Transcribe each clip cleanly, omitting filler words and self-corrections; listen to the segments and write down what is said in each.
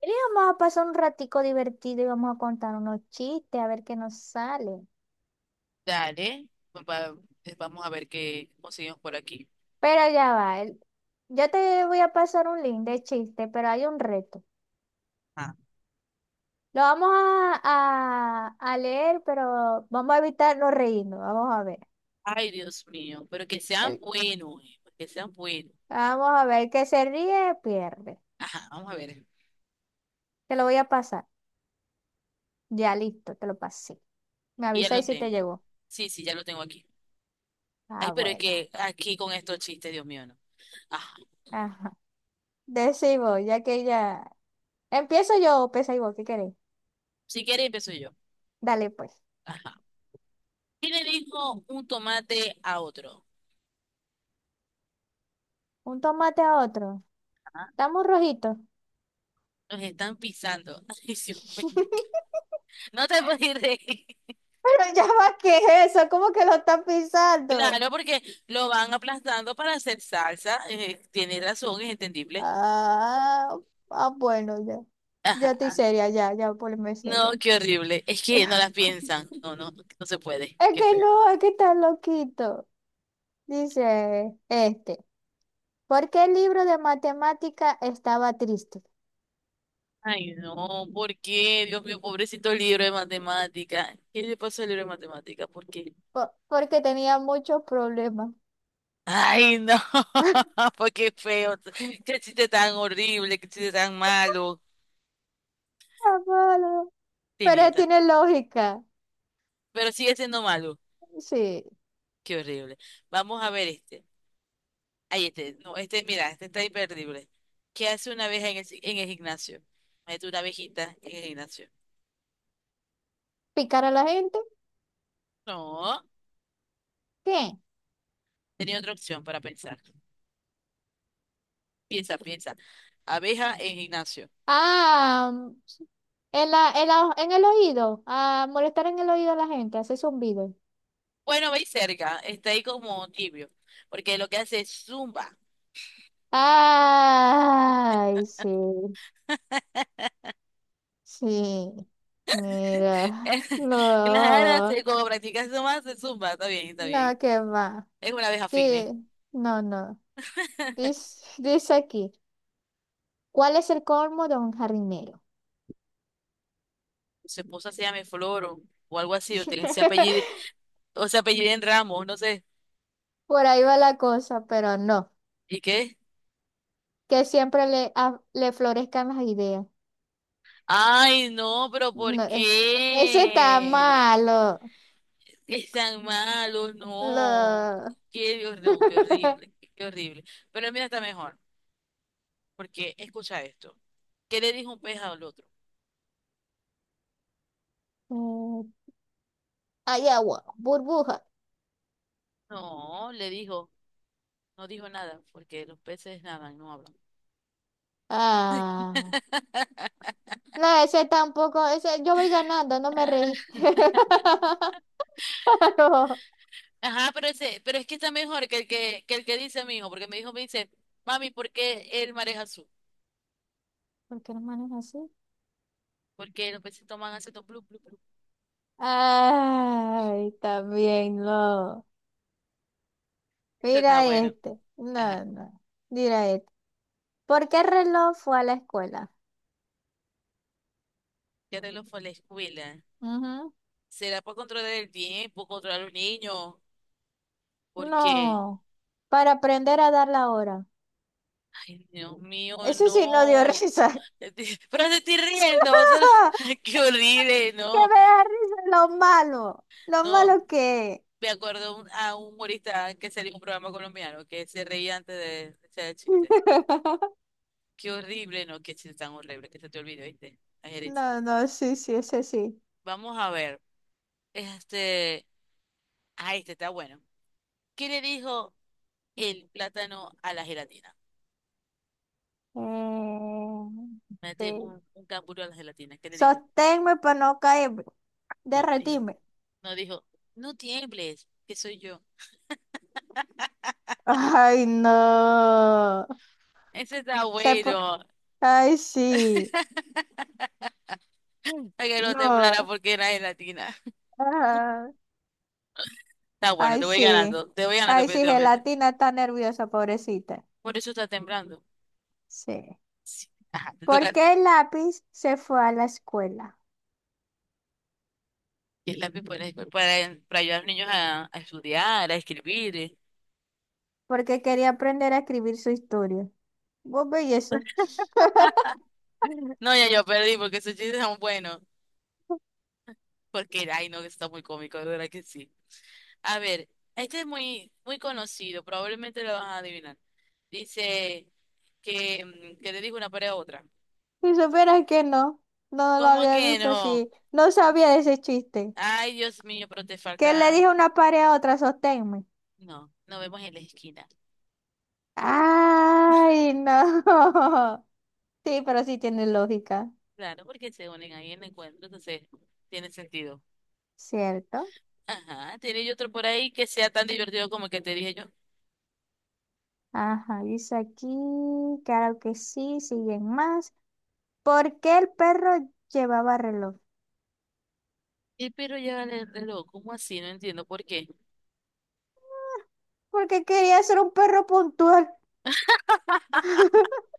Y vamos a pasar un ratico divertido y vamos a contar unos chistes a ver qué nos sale. Dale, pues vamos a ver qué conseguimos por aquí. Pero ya va, yo te voy a pasar un link de chiste, pero hay un reto. Ah, Lo vamos a, leer, pero vamos a evitar no reírnos. Vamos a ver. ay, Dios mío, pero que sean El- buenos, que sean buenos. Vamos a ver, el que se ríe pierde. Ajá, vamos a ver. Te lo voy a pasar. Ya listo, te lo pasé. Me Y ya lo avisáis si te tengo. llegó. Sí, sí, ya lo tengo aquí. Ay, Ah, pero es bueno. que aquí con estos chistes, Dios mío, no. Ajá. Ajá. Decí ya que ya. Empiezo yo, pesa y vos, ¿qué queréis? Si quieres, empiezo yo. Dale pues. Ajá. ¿Qué le dijo un tomate a otro? Un tomate a otro. Ah, Estamos rojitos. nos están pisando. Ay, Dios mío. No te puedes reír. Pero ya va, ¿qué es eso? ¿Cómo que lo está pisando? Claro, porque lo van aplastando para hacer salsa. Tienes razón, es entendible. Ah, ah, bueno, ya. Ya estoy Ajá. seria, ya, ya ponme No, seria. qué horrible. Es que no las piensan. No, no, no se puede. Es Qué que feo. no, es que está loquito. Dice este. ¿Por qué el libro de matemática estaba triste? Ay, no, ¿por qué? Dios mío, pobrecito libro de matemática. ¿Qué le pasó al libro de matemática? ¿Por qué? Porque tenía muchos problemas. Ay, no, pues qué feo. Qué chiste tan horrible, qué chiste tan malo. Ah, malo. Tenía Pero tan. tiene lógica. Pero sigue siendo malo. Sí. Qué horrible. Vamos a ver este. Ahí este. No, este, mira, este está imperdible. ¿Qué hace una abeja en en el gimnasio? Mete una abejita en el gimnasio. ¿Picar a la gente? No, ¿Qué? tenía otra opción para pensar. Piensa, piensa. Abeja en gimnasio. Ah, en la, en el oído, a molestar en el oído a la gente, hace zumbido. Bueno, veis cerca, está ahí como tibio, porque lo que hace es zumba. Ay, sí, sí. Mira, Claro, no, como practica zumba, se zumba, está bien, está bien. no, qué va. Es una abeja fitness. Sí, no, no. Dice, dice aquí, ¿cuál es el colmo de un jardinero? Su esposa se llama Flor o algo así, o tiene ese apellido, o se apellida en Ramos, no sé. Por ahí va la cosa, pero no. ¿Y qué? Que siempre le, le florezcan las ideas. Ay, no, pero ¿por No, ese está qué? malo. Es tan malo, no. No. No, qué horrible, qué horrible. Pero mira, está mejor. Porque, escucha esto, ¿qué le dijo un pez al otro? Mm, Hay agua, burbuja. No, le dijo, no dijo nada, porque los peces nadan, no hablan. Ah, no, ese tampoco, ese, yo voy ganando, no me Ah, reí. Claro. ajá, pero, ese, pero es que está mejor que el que el que dice mi hijo, porque mi hijo me dice, mami, ¿por qué el mar es azul? ¿Por qué las manos así? Porque los peces toman aceto, blu, blu, blu. Ay, también no. Está Mira bueno. este. Ajá, No, no. Mira este. ¿Por qué el reloj fue a la escuela? ya te lo fue a la escuela. Ujú. ¿Será por controlar el tiempo, controlar a los niños? Porque, No. Para aprender a dar la hora. ay, Dios mío, Eso sí no dio no. risa. Estoy- pero te estoy riendo, o sea, qué horrible, Que no. me da risa lo malo. Lo No, malo que es. me acuerdo a un humorista que salió en un programa colombiano que se reía antes de echar el chiste. Qué horrible, no, qué chiste tan horrible, que se te olvide, ¿viste? La gerencia. No, no, sí, sí, ese sí. Vamos a ver. Este, ah, este está bueno. ¿Qué le dijo el plátano a la gelatina? Eh, Mete sí. un canguro a la gelatina. ¿Qué le dijo? Sosténme para no caerme. No, dijo, Derretime. no dijo, no tiembles, que soy yo. Ay, no. Ese está Se po- bueno. Ay, sí. Para que no temblara No. porque era gelatina. Ajá. Está bueno, Ay, sí. Te voy ganando Ay, sí, definitivamente. gelatina está nerviosa, pobrecita. Por eso está temblando. Sí. Sí. Ajá, te ¿Por qué tocaste. el lápiz se fue a la escuela? Y el lápiz para ayudar a los niños a estudiar, a escribir. Porque quería aprender a escribir su historia. Vos veis eso. No, ya yo perdí porque esos chistes son buenos. Porque, ay, no, que está muy cómico, de verdad que sí. A ver, este es muy, muy conocido, probablemente lo vas a adivinar. Dice que, que le dijo una pared a otra. Si supieras que no, no lo ¿Cómo había que visto no? así. No sabía de ese chiste. Ay, Dios mío, pero te ¿Qué le falta. dijo una pared a otra? Sosténme. No, nos vemos en la esquina. Ay, no. Sí, pero sí tiene lógica. Claro, porque se unen ahí en el encuentro, entonces tiene sentido. ¿Cierto? Ajá, tiene otro por ahí que sea tan divertido como el que te dije yo. Ajá, dice aquí, claro que sí, siguen más. ¿Por qué el perro llevaba reloj? Y pero ya vale el reloj, ¿cómo así? No entiendo por qué. Porque quería ser un perro puntual.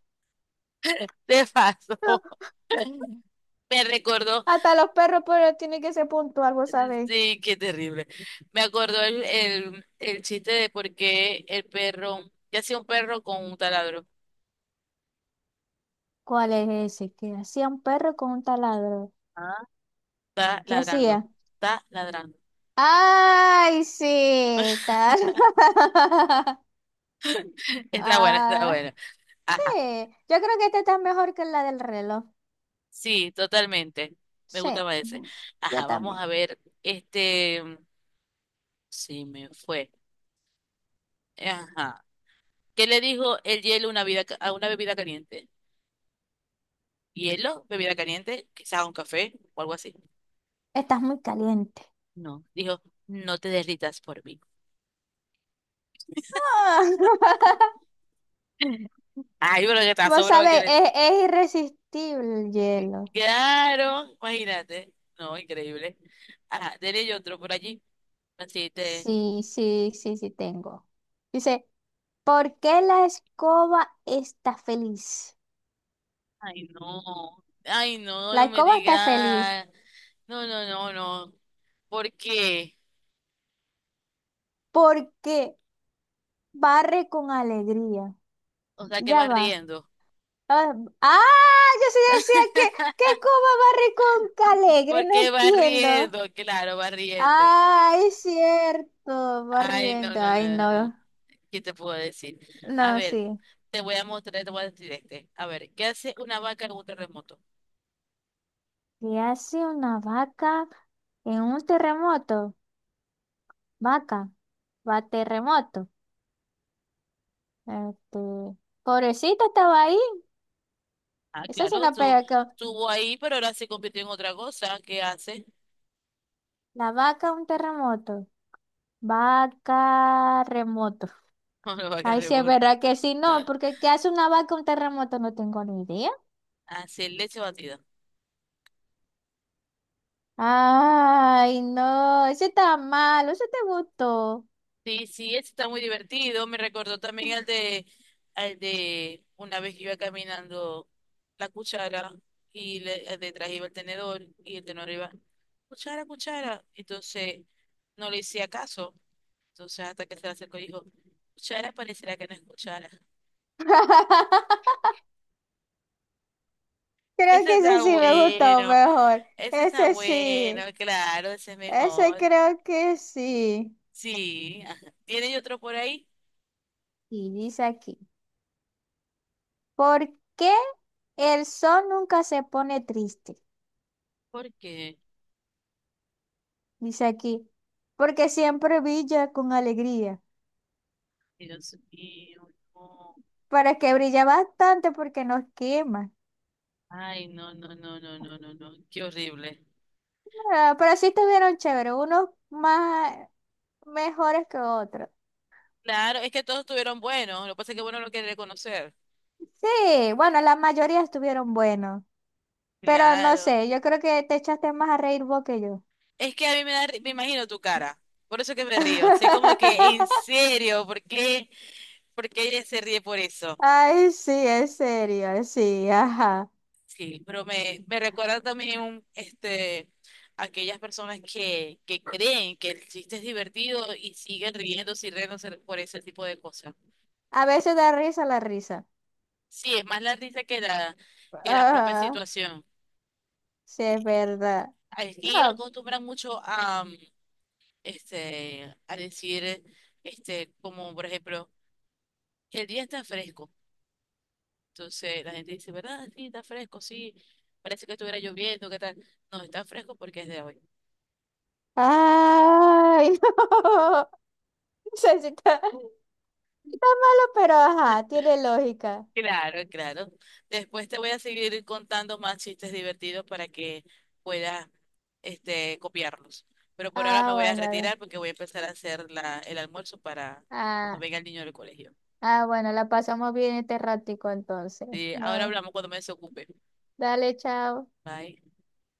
Te pasó. Me recordó, Hasta los perros, pero tiene que ser puntual, vos sabés. sí, qué terrible. Me acordó el chiste de por qué el perro, ¿qué hacía un perro con un taladro? ¿Cuál es ese? ¿Qué hacía un perro con un taladro? Ah. Está ¿Qué ladrando, hacía? está ladrando. Ay, sí, tal. Está bueno, está Ah, bueno. sí, Ajá, yo creo que esta está mejor que la del reloj. sí, totalmente. Me Sí, gustaba ese. yo Ajá, vamos también. a ver. Este, sí, me fue. Ajá. ¿Qué le dijo el hielo a una a una bebida caliente? Hielo, bebida caliente, quizás un café o algo así. Estás muy caliente. No, dijo, no te derritas por mí. Ah, Ay, pero ya está vos sobrado el sabés, hielo. Es irresistible el hielo. Claro, imagínate. No, increíble. Ajá, dele yo otro por allí. Así te... Sí, sí, sí, sí tengo. Dice, ¿por qué la escoba está feliz? Ay, no. Ay, no, La no me escoba está feliz digas. No, no, no, no. ¿Por qué? porque barre con alegría. O sea, que Ya vas va. riendo. Ah, ah, yo sí decía que cómo barre con calegre, ¿Por no qué vas entiendo. riendo? Claro, vas riendo. Ah, es cierto, Ay, no, barriendo. no, no, Ay, no. No. no, ¿Qué te puedo decir? A no, ver, sí. te voy a mostrar, te voy a decir este. A ver, ¿qué hace una vaca en un terremoto? ¿Qué hace una vaca en un terremoto? Vaca, va terremoto. Este, pobrecita estaba ahí. Ah, Eso sí claro, no tú, pega con estuvo ahí, pero ahora se convirtió en otra cosa. ¿Qué hace? la vaca un terremoto. Vaca remoto. Una vaca Ay, sí es rebota. verdad que sí, no, porque ¿qué hace una vaca un terremoto? No tengo ni idea. Hace leche batida. Ay, no, ese está malo, ese te gustó. Sí, sí, ese está muy divertido. Me recordó también al de una vez que iba caminando la cuchara y le, detrás iba el tenedor y el tenedor iba, cuchara, cuchara. Entonces no le hacía caso. Entonces, hasta que se le acercó y dijo, escuchara, pareciera que no escuchara. Creo Ese que ese está sí me gustó bueno, mejor. ese está Ese bueno, sí, claro, ese es ese mejor. creo que sí. Sí, ajá. ¿Tiene otro por ahí? Y dice aquí, ¿por qué el sol nunca se pone triste? ¿Por qué? Dice aquí, porque siempre brilla con alegría. Dios mío, no. Para que brilla bastante porque nos quema. Ay, no, no, no, no, no, no, no, qué horrible. Ah, pero sí estuvieron chéveres, unos más mejores que otros. Claro, es que todos estuvieron buenos, lo que pasa es que bueno lo quiere reconocer. Sí, bueno, la mayoría estuvieron buenos, pero no Claro. sé, yo creo que te echaste más a reír vos que yo. Es que a mí me da, me imagino tu cara, por eso que me río. Sé como que, en serio, ¿por qué? ¿Por qué ella se ríe por eso? Ay, sí, en serio, sí, ajá. Sí, pero me recuerda también un, este, aquellas personas que creen que el chiste es divertido y siguen riéndose y riéndose por ese tipo de cosas. A veces da risa la risa. Sí, es más la risa que la propia Ajá, situación. sí, es verdad. Aquí No. acostumbran mucho a, este, a decir, este, como por ejemplo, el día está fresco. Entonces la gente dice, ¿verdad? Sí, está fresco, sí. Parece que estuviera lloviendo, ¿qué tal? No, está fresco porque es de hoy. Ay, no. No sé si está, está malo, pero ajá, tiene lógica. Claro, claro. Después te voy a seguir contando más chistes divertidos para que puedas este, copiarlos. Pero por ahora me Ah, voy a bueno. retirar porque voy a empezar a hacer la, el almuerzo para cuando Ah, venga el niño del colegio. ah, bueno, la pasamos bien este ratico entonces. Sí, ahora No, hablamos cuando me desocupe. dale, chao. Bye.